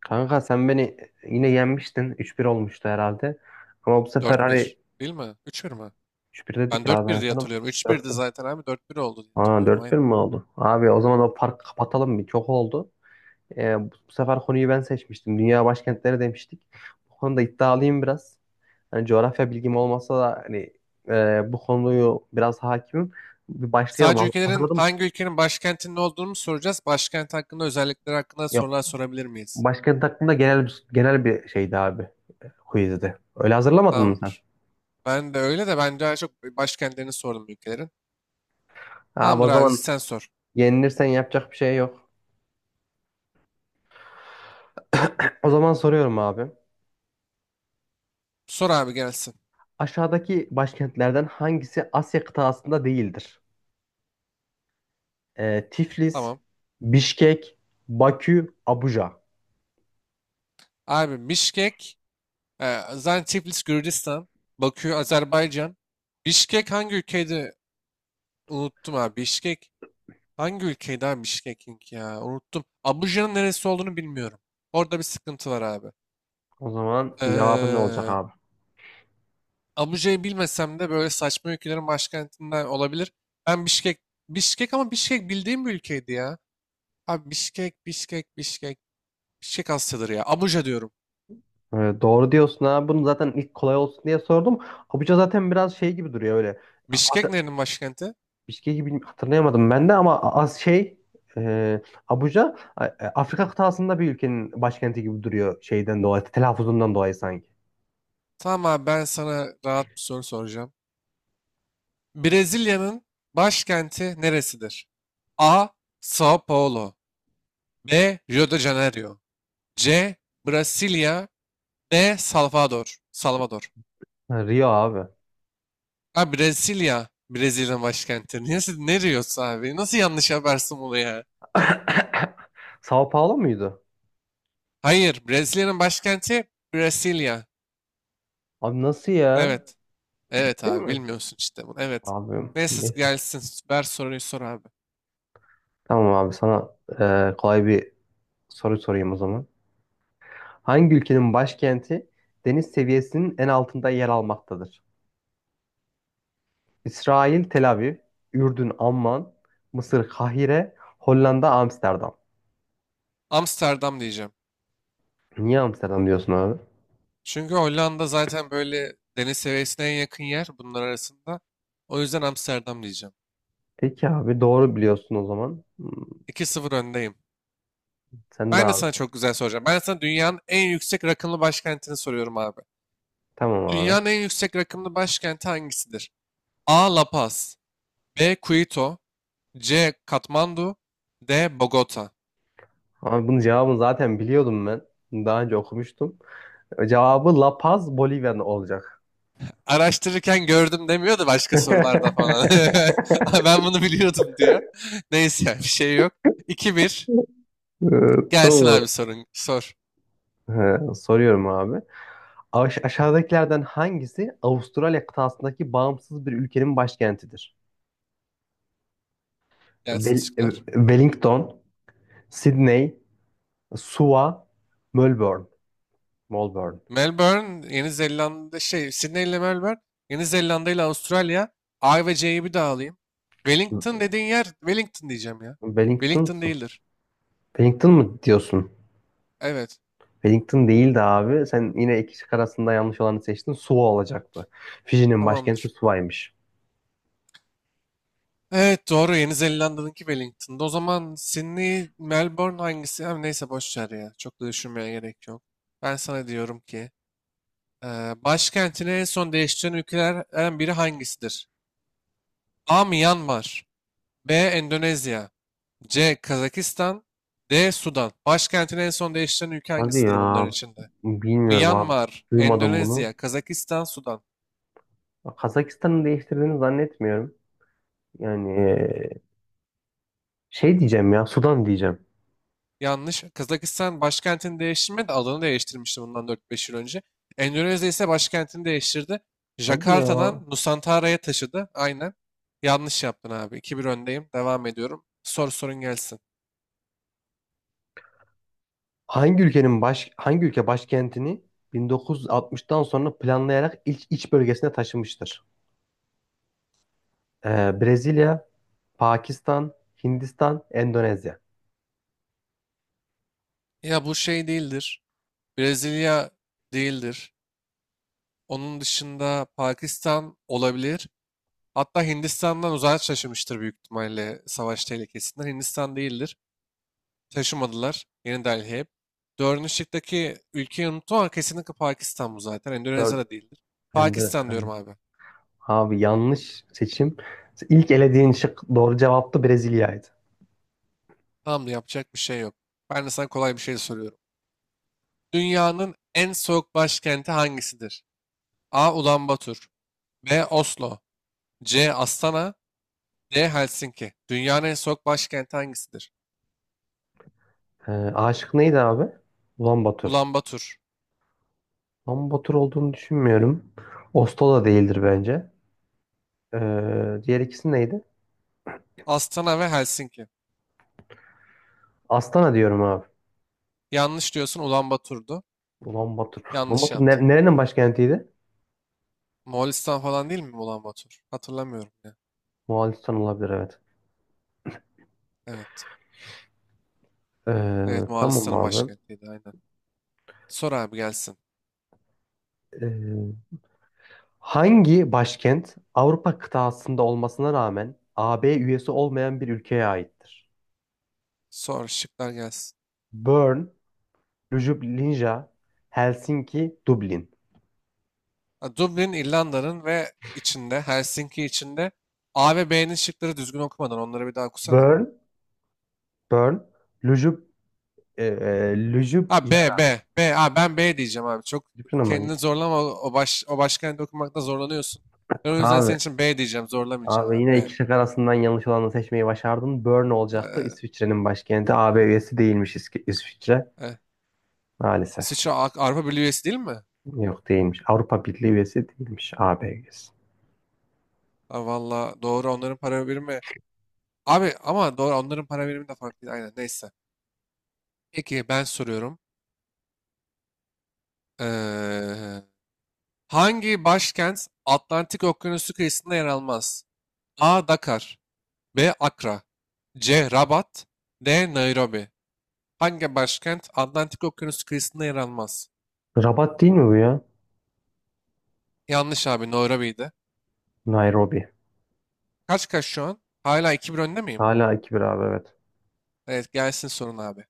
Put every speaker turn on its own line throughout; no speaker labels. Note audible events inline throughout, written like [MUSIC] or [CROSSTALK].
Kanka sen beni yine yenmiştin. 3-1 olmuştu herhalde. Ama bu sefer
Dört
hani
bir, değil mi? Üç bir mi?
3-1 dedik
Ben
ya ben
4-1 diye
sana
hatırlıyorum.
dört.
3-1'di
1.
zaten abi dört bir oldu diye
Aa,
hatırlıyorum
4-1
aynı.
mi oldu? Abi o zaman o farkı kapatalım bir. Çok oldu. Bu sefer konuyu ben seçmiştim. Dünya başkentleri demiştik. Bu konuda iddialıyım biraz. Hani coğrafya bilgim olmasa da hani, bu konuyu biraz hakimim. Bir başlayalım.
Sadece ülkelerin
Hazırladın mı?
hangi ülkenin başkentinin olduğunu mu soracağız? Başkent hakkında özellikleri hakkında
Yok.
sorular sorabilir miyiz?
Başkent hakkında genel bir şeydi abi. Quizdi. Öyle hazırlamadın mı sen?
Tamamdır. Ben de öyle de ben daha çok başkentlerini sordum ülkelerin.
Abi o
Tamamdır abi
zaman
sen sor.
yenilirsen yapacak bir şey yok. [CLEARS THROAT] O zaman soruyorum abi.
Sor abi gelsin.
Aşağıdaki başkentlerden hangisi Asya kıtasında değildir? Tiflis,
Tamam.
Bişkek, Bakü, Abuja.
Abi Mişkek, zaten Tiflis Gürcistan, Bakü Azerbaycan. Bişkek hangi ülkeydi? Unuttum abi. Bişkek hangi ülkeydi abi Bişkek'in ya? Unuttum. Abuja'nın neresi olduğunu bilmiyorum. Orada bir sıkıntı var abi.
O zaman cevabı ne olacak
Ee,
abi?
Abuja'yı bilmesem de böyle saçma ülkelerin başkentinden olabilir. Ben Bişkek, Bişkek ama Bişkek bildiğim bir ülkeydi ya. Abi Bişkek, Bişkek, Bişkek. Bişkek Asya'dır ya. Abuja diyorum.
Doğru diyorsun abi. Bunu zaten ilk kolay olsun diye sordum. Abuja zaten biraz şey gibi duruyor öyle.
Bişkek
Af-
nerenin başkenti?
Bişkek gibi hatırlayamadım ben de ama az şey e, Abuja Afrika kıtasında bir ülkenin başkenti gibi duruyor şeyden dolayı, telaffuzundan dolayı sanki.
Tamam abi ben sana rahat bir soru soracağım. Brezilya'nın başkenti neresidir? A. Sao Paulo, B. Rio de Janeiro, C. Brasilia, D. Salvador. Salvador.
Ha, Rio abi.
Ha Brezilya. Brezilya'nın başkenti. Niye siz ne diyorsun abi? Nasıl yanlış yaparsın bunu ya?
[COUGHS] [LAUGHS] Sao Paulo muydu?
Hayır. Brezilya'nın başkenti Brezilya.
Abi nasıl ya?
Evet. Evet
Ciddi
abi
mi?
bilmiyorsun işte bunu. Evet.
Abi
Neyse
neyse.
gelsin. Ver soruyu sor abi.
Tamam abi, sana kolay bir soru sorayım o zaman. Hangi ülkenin başkenti deniz seviyesinin en altında yer almaktadır? İsrail Tel Aviv, Ürdün Amman, Mısır Kahire, Hollanda Amsterdam.
Amsterdam diyeceğim.
Niye Amsterdam diyorsun abi?
Çünkü Hollanda zaten böyle deniz seviyesine en yakın yer bunlar arasında. O yüzden Amsterdam diyeceğim.
Peki abi, doğru biliyorsun o zaman.
2 sıfır öndeyim.
Sen de
Ben de sana
abi.
çok güzel soracağım. Ben de sana dünyanın en yüksek rakımlı başkentini soruyorum abi.
Tamam abi.
Dünyanın en yüksek rakımlı başkenti hangisidir? A. La Paz, B. Quito, C. Katmandu, D. Bogota.
Abi bunun cevabını zaten biliyordum ben. Daha önce okumuştum. Cevabı La Paz, Bolivya olacak.
Araştırırken gördüm demiyor da başka sorularda falan.
[LAUGHS]
[LAUGHS] Ben bunu biliyordum diyor. [LAUGHS] Neyse yani bir şey yok. 2 bir.
Ee,
Gelsin abi
Tamam.
sorun. Sor.
He, soruyorum abi. Aşağıdakilerden hangisi Avustralya kıtasındaki bağımsız bir ülkenin başkentidir?
Gelsin şıklar.
Wellington, Sydney, Suva, Melbourne. Melbourne.
Melbourne, Yeni Zelanda, şey Sydney ile Melbourne, Yeni Zelanda ile Avustralya. A ve C'yi bir daha alayım. Wellington dediğin yer, Wellington diyeceğim ya.
Wellington,
Wellington değildir.
Wellington mı diyorsun?
Evet.
Wellington değildi abi. Sen yine iki şık arasında yanlış olanı seçtin. Suva olacaktı. Fiji'nin başkenti
Tamamdır.
Suva'ymış.
Evet doğru, Yeni Zelanda'nınki Wellington'da. O zaman Sydney, Melbourne hangisi? Hem neyse boş ver ya. Çok da düşünmeye gerek yok. Ben sana diyorum ki başkentini en son değiştiren ülkelerden biri hangisidir? A. Myanmar, B. Endonezya, C. Kazakistan, D. Sudan. Başkentini en son değiştiren ülke
Hadi
hangisidir
ya,
bunların içinde?
bilmiyorum abi.
Myanmar,
Duymadım bunu.
Endonezya, Kazakistan, Sudan.
Kazakistan'ı değiştirdiğini zannetmiyorum. Yani şey diyeceğim ya, Sudan diyeceğim.
Yanlış. Kazakistan başkentini değiştirmedi de adını değiştirmişti bundan dört beş yıl önce. Endonezya ise başkentini değiştirdi.
Hadi ya.
Jakarta'dan Nusantara'ya taşıdı. Aynen. Yanlış yaptın abi. İki bir öndeyim. Devam ediyorum. Sor sorun gelsin.
Hangi ülke başkentini 1960'tan sonra planlayarak ilk iç bölgesine taşımıştır? Brezilya, Pakistan, Hindistan, Endonezya.
Ya bu şey değildir. Brezilya değildir. Onun dışında Pakistan olabilir. Hatta Hindistan'dan uzağa şaşırmıştır büyük ihtimalle savaş tehlikesinden. Hindistan değildir. Taşımadılar. Yeni Delhi. Dördüncü şıktaki ülkeyi unuttum ama kesinlikle Pakistan bu zaten. Endonezya
Dört,
da değildir. Pakistan
Endonezya.
diyorum abi.
Abi yanlış seçim. İlk elediğin şık doğru cevaptı, Brezilya'ydı.
Tamam da yapacak bir şey yok. Ben de sana kolay bir şey soruyorum. Dünyanın en soğuk başkenti hangisidir? A. Ulaanbaatar, B. Oslo, C. Astana, D. Helsinki. Dünyanın en soğuk başkenti hangisidir?
A şıkkı neydi abi? Ulan Bator.
Ulaanbaatar.
Ulan Bator olduğunu düşünmüyorum. Oslo da değildir bence. Diğer ikisi neydi?
Astana ve Helsinki.
Astana diyorum abi.
Yanlış diyorsun, Ulaanbaatar'du.
Ulan Bator. Ulan
Yanlış
Bator
yaptım.
nerenin başkentiydi?
Moğolistan falan değil mi Ulaanbaatar? Hatırlamıyorum ya.
Moğolistan olabilir, evet.
Evet. Evet,
Tamam
Moğolistan'ın
abi.
başkentiydi aynen. Sor abi gelsin.
Ee, Hangi başkent Avrupa kıtasında olmasına rağmen AB üyesi olmayan bir ülkeye aittir?
Sor şıklar gelsin.
Bern, Ljubljana, Helsinki, Dublin.
Ha, Dublin İrlanda'nın ve içinde Helsinki içinde. A ve B'nin şıkları düzgün okumadan onları bir daha okusana.
Bern, Bern, Ljub,
Ha B
Ljubljana.
B B ha ben B diyeceğim abi. Çok
Ljubljana mı?
kendini zorlama, o başkenti okumakta zorlanıyorsun. Ben o yüzden
Abi,
senin için B diyeceğim. Zorlamayacağım
abi,
abi,
yine
B.
iki şık arasından yanlış olanı seçmeyi başardın. Bern olacaktı.
Ee,
İsviçre'nin başkenti. AB üyesi değilmiş İsviçre.
e,
Maalesef.
İsviçre Avrupa Birliği üyesi değil mi?
Yok, değilmiş. Avrupa Birliği üyesi değilmiş. AB üyesi.
Ha, valla doğru onların para birimi. Abi ama doğru onların para birimi de farklı değil. Aynen neyse. Peki ben soruyorum. Eee, hangi başkent Atlantik Okyanusu kıyısında yer almaz? A. Dakar, B. Akra, C. Rabat, D. Nairobi. Hangi başkent Atlantik Okyanusu kıyısında yer almaz?
Rabat değil mi bu ya?
Yanlış abi, Nairobi'ydi.
Nairobi.
Kaç kaç şu an? Hala iki 1 önde miyim?
Hala 2-1 abi, evet.
Evet gelsin sorun abi.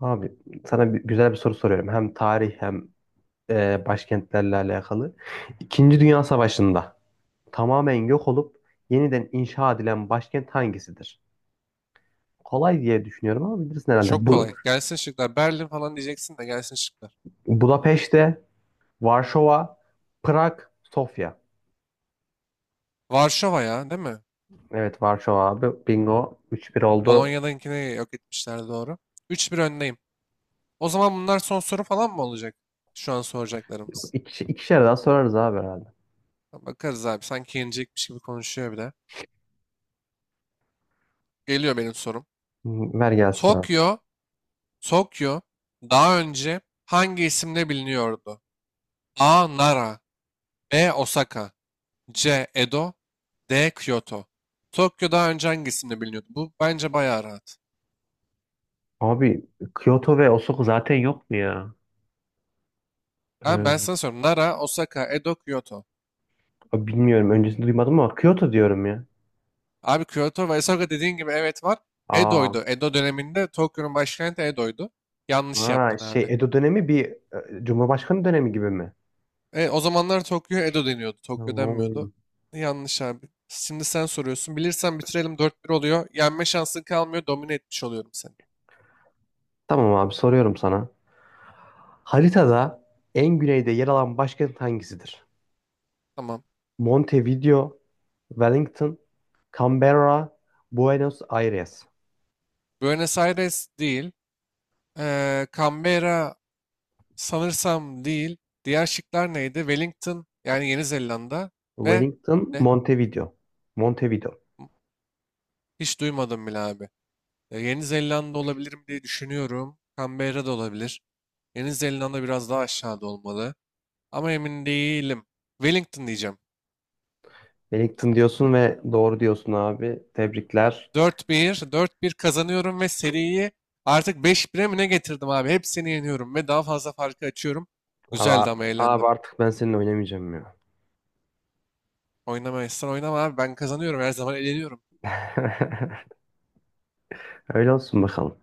Abi sana güzel bir soru soruyorum. Hem tarih hem başkentlerle alakalı. İkinci Dünya Savaşı'nda tamamen yok olup yeniden inşa edilen başkent hangisidir? Kolay diye düşünüyorum ama bilirsin
Çok
herhalde. Bu:
kolay. Gelsin şıklar. Berlin falan diyeceksin de gelsin şıklar.
Budapeşte, Varşova, Prag, Sofya.
Varşova ya, değil mi?
Evet, Varşova abi. Bingo. 3-1 oldu.
Polonya'dakini yok etmişler, doğru. Üç 1 öndeyim. O zaman bunlar son soru falan mı olacak? Şu an soracaklarımız.
İkişer daha sorarız abi herhalde.
Bakarız abi. Sanki yenecekmiş gibi konuşuyor bir de. Geliyor benim sorum.
Hı, ver gelsin abi.
Tokyo, Tokyo daha önce hangi isimle biliniyordu? A. Nara, B. Osaka, C. Edo, D. Kyoto. Tokyo daha önce hangi isimle biliniyordu? Bu bence bayağı rahat.
Abi Kyoto ve Osaka zaten yok mu ya?
Abi
Ee,
ben sana soruyorum. Nara, Osaka, Edo, Kyoto.
Abi bilmiyorum. Öncesini duymadım ama Kyoto diyorum ya.
Abi Kyoto ve Osaka dediğin gibi evet var.
Aa,
Edo'ydu. Edo döneminde Tokyo'nun başkenti Edo'ydu. Yanlış
ha,
yaptın
şey
abi.
Edo dönemi bir Cumhurbaşkanı dönemi gibi mi?
Evet, o zamanlar Tokyo Edo deniyordu. Tokyo denmiyordu.
Hmm.
Yanlış abi. Şimdi sen soruyorsun. Bilirsen bitirelim, dört bir oluyor. Yenme şansın kalmıyor. Domine etmiş oluyorum seni.
Tamam abi, soruyorum sana. Haritada en güneyde yer alan başkent hangisidir?
Tamam.
Montevideo, Wellington, Canberra, Buenos Aires.
Buenos Aires değil. Canberra sanırsam değil. Diğer şıklar neydi? Wellington yani Yeni Zelanda ve
Wellington,
ne?
Montevideo. Montevideo.
Hiç duymadım bile abi. Yeni Zelanda olabilir mi diye düşünüyorum. Canberra da olabilir. Yeni Zelanda biraz daha aşağıda olmalı. Ama emin değilim. Wellington diyeceğim.
Wellington diyorsun ve doğru diyorsun abi. Tebrikler.
Dört bir, dört bir kazanıyorum ve seriyi artık beş 1e mi ne getirdim abi? Hepsini yeniyorum ve daha fazla farkı açıyorum. Güzeldi,
Ama
ama
abi
eğlendim.
artık ben seninle oynamayacağım ya.
Oynamayasın, oynama abi. Ben kazanıyorum. Her zaman eğleniyorum.
[LAUGHS] Öyle olsun bakalım.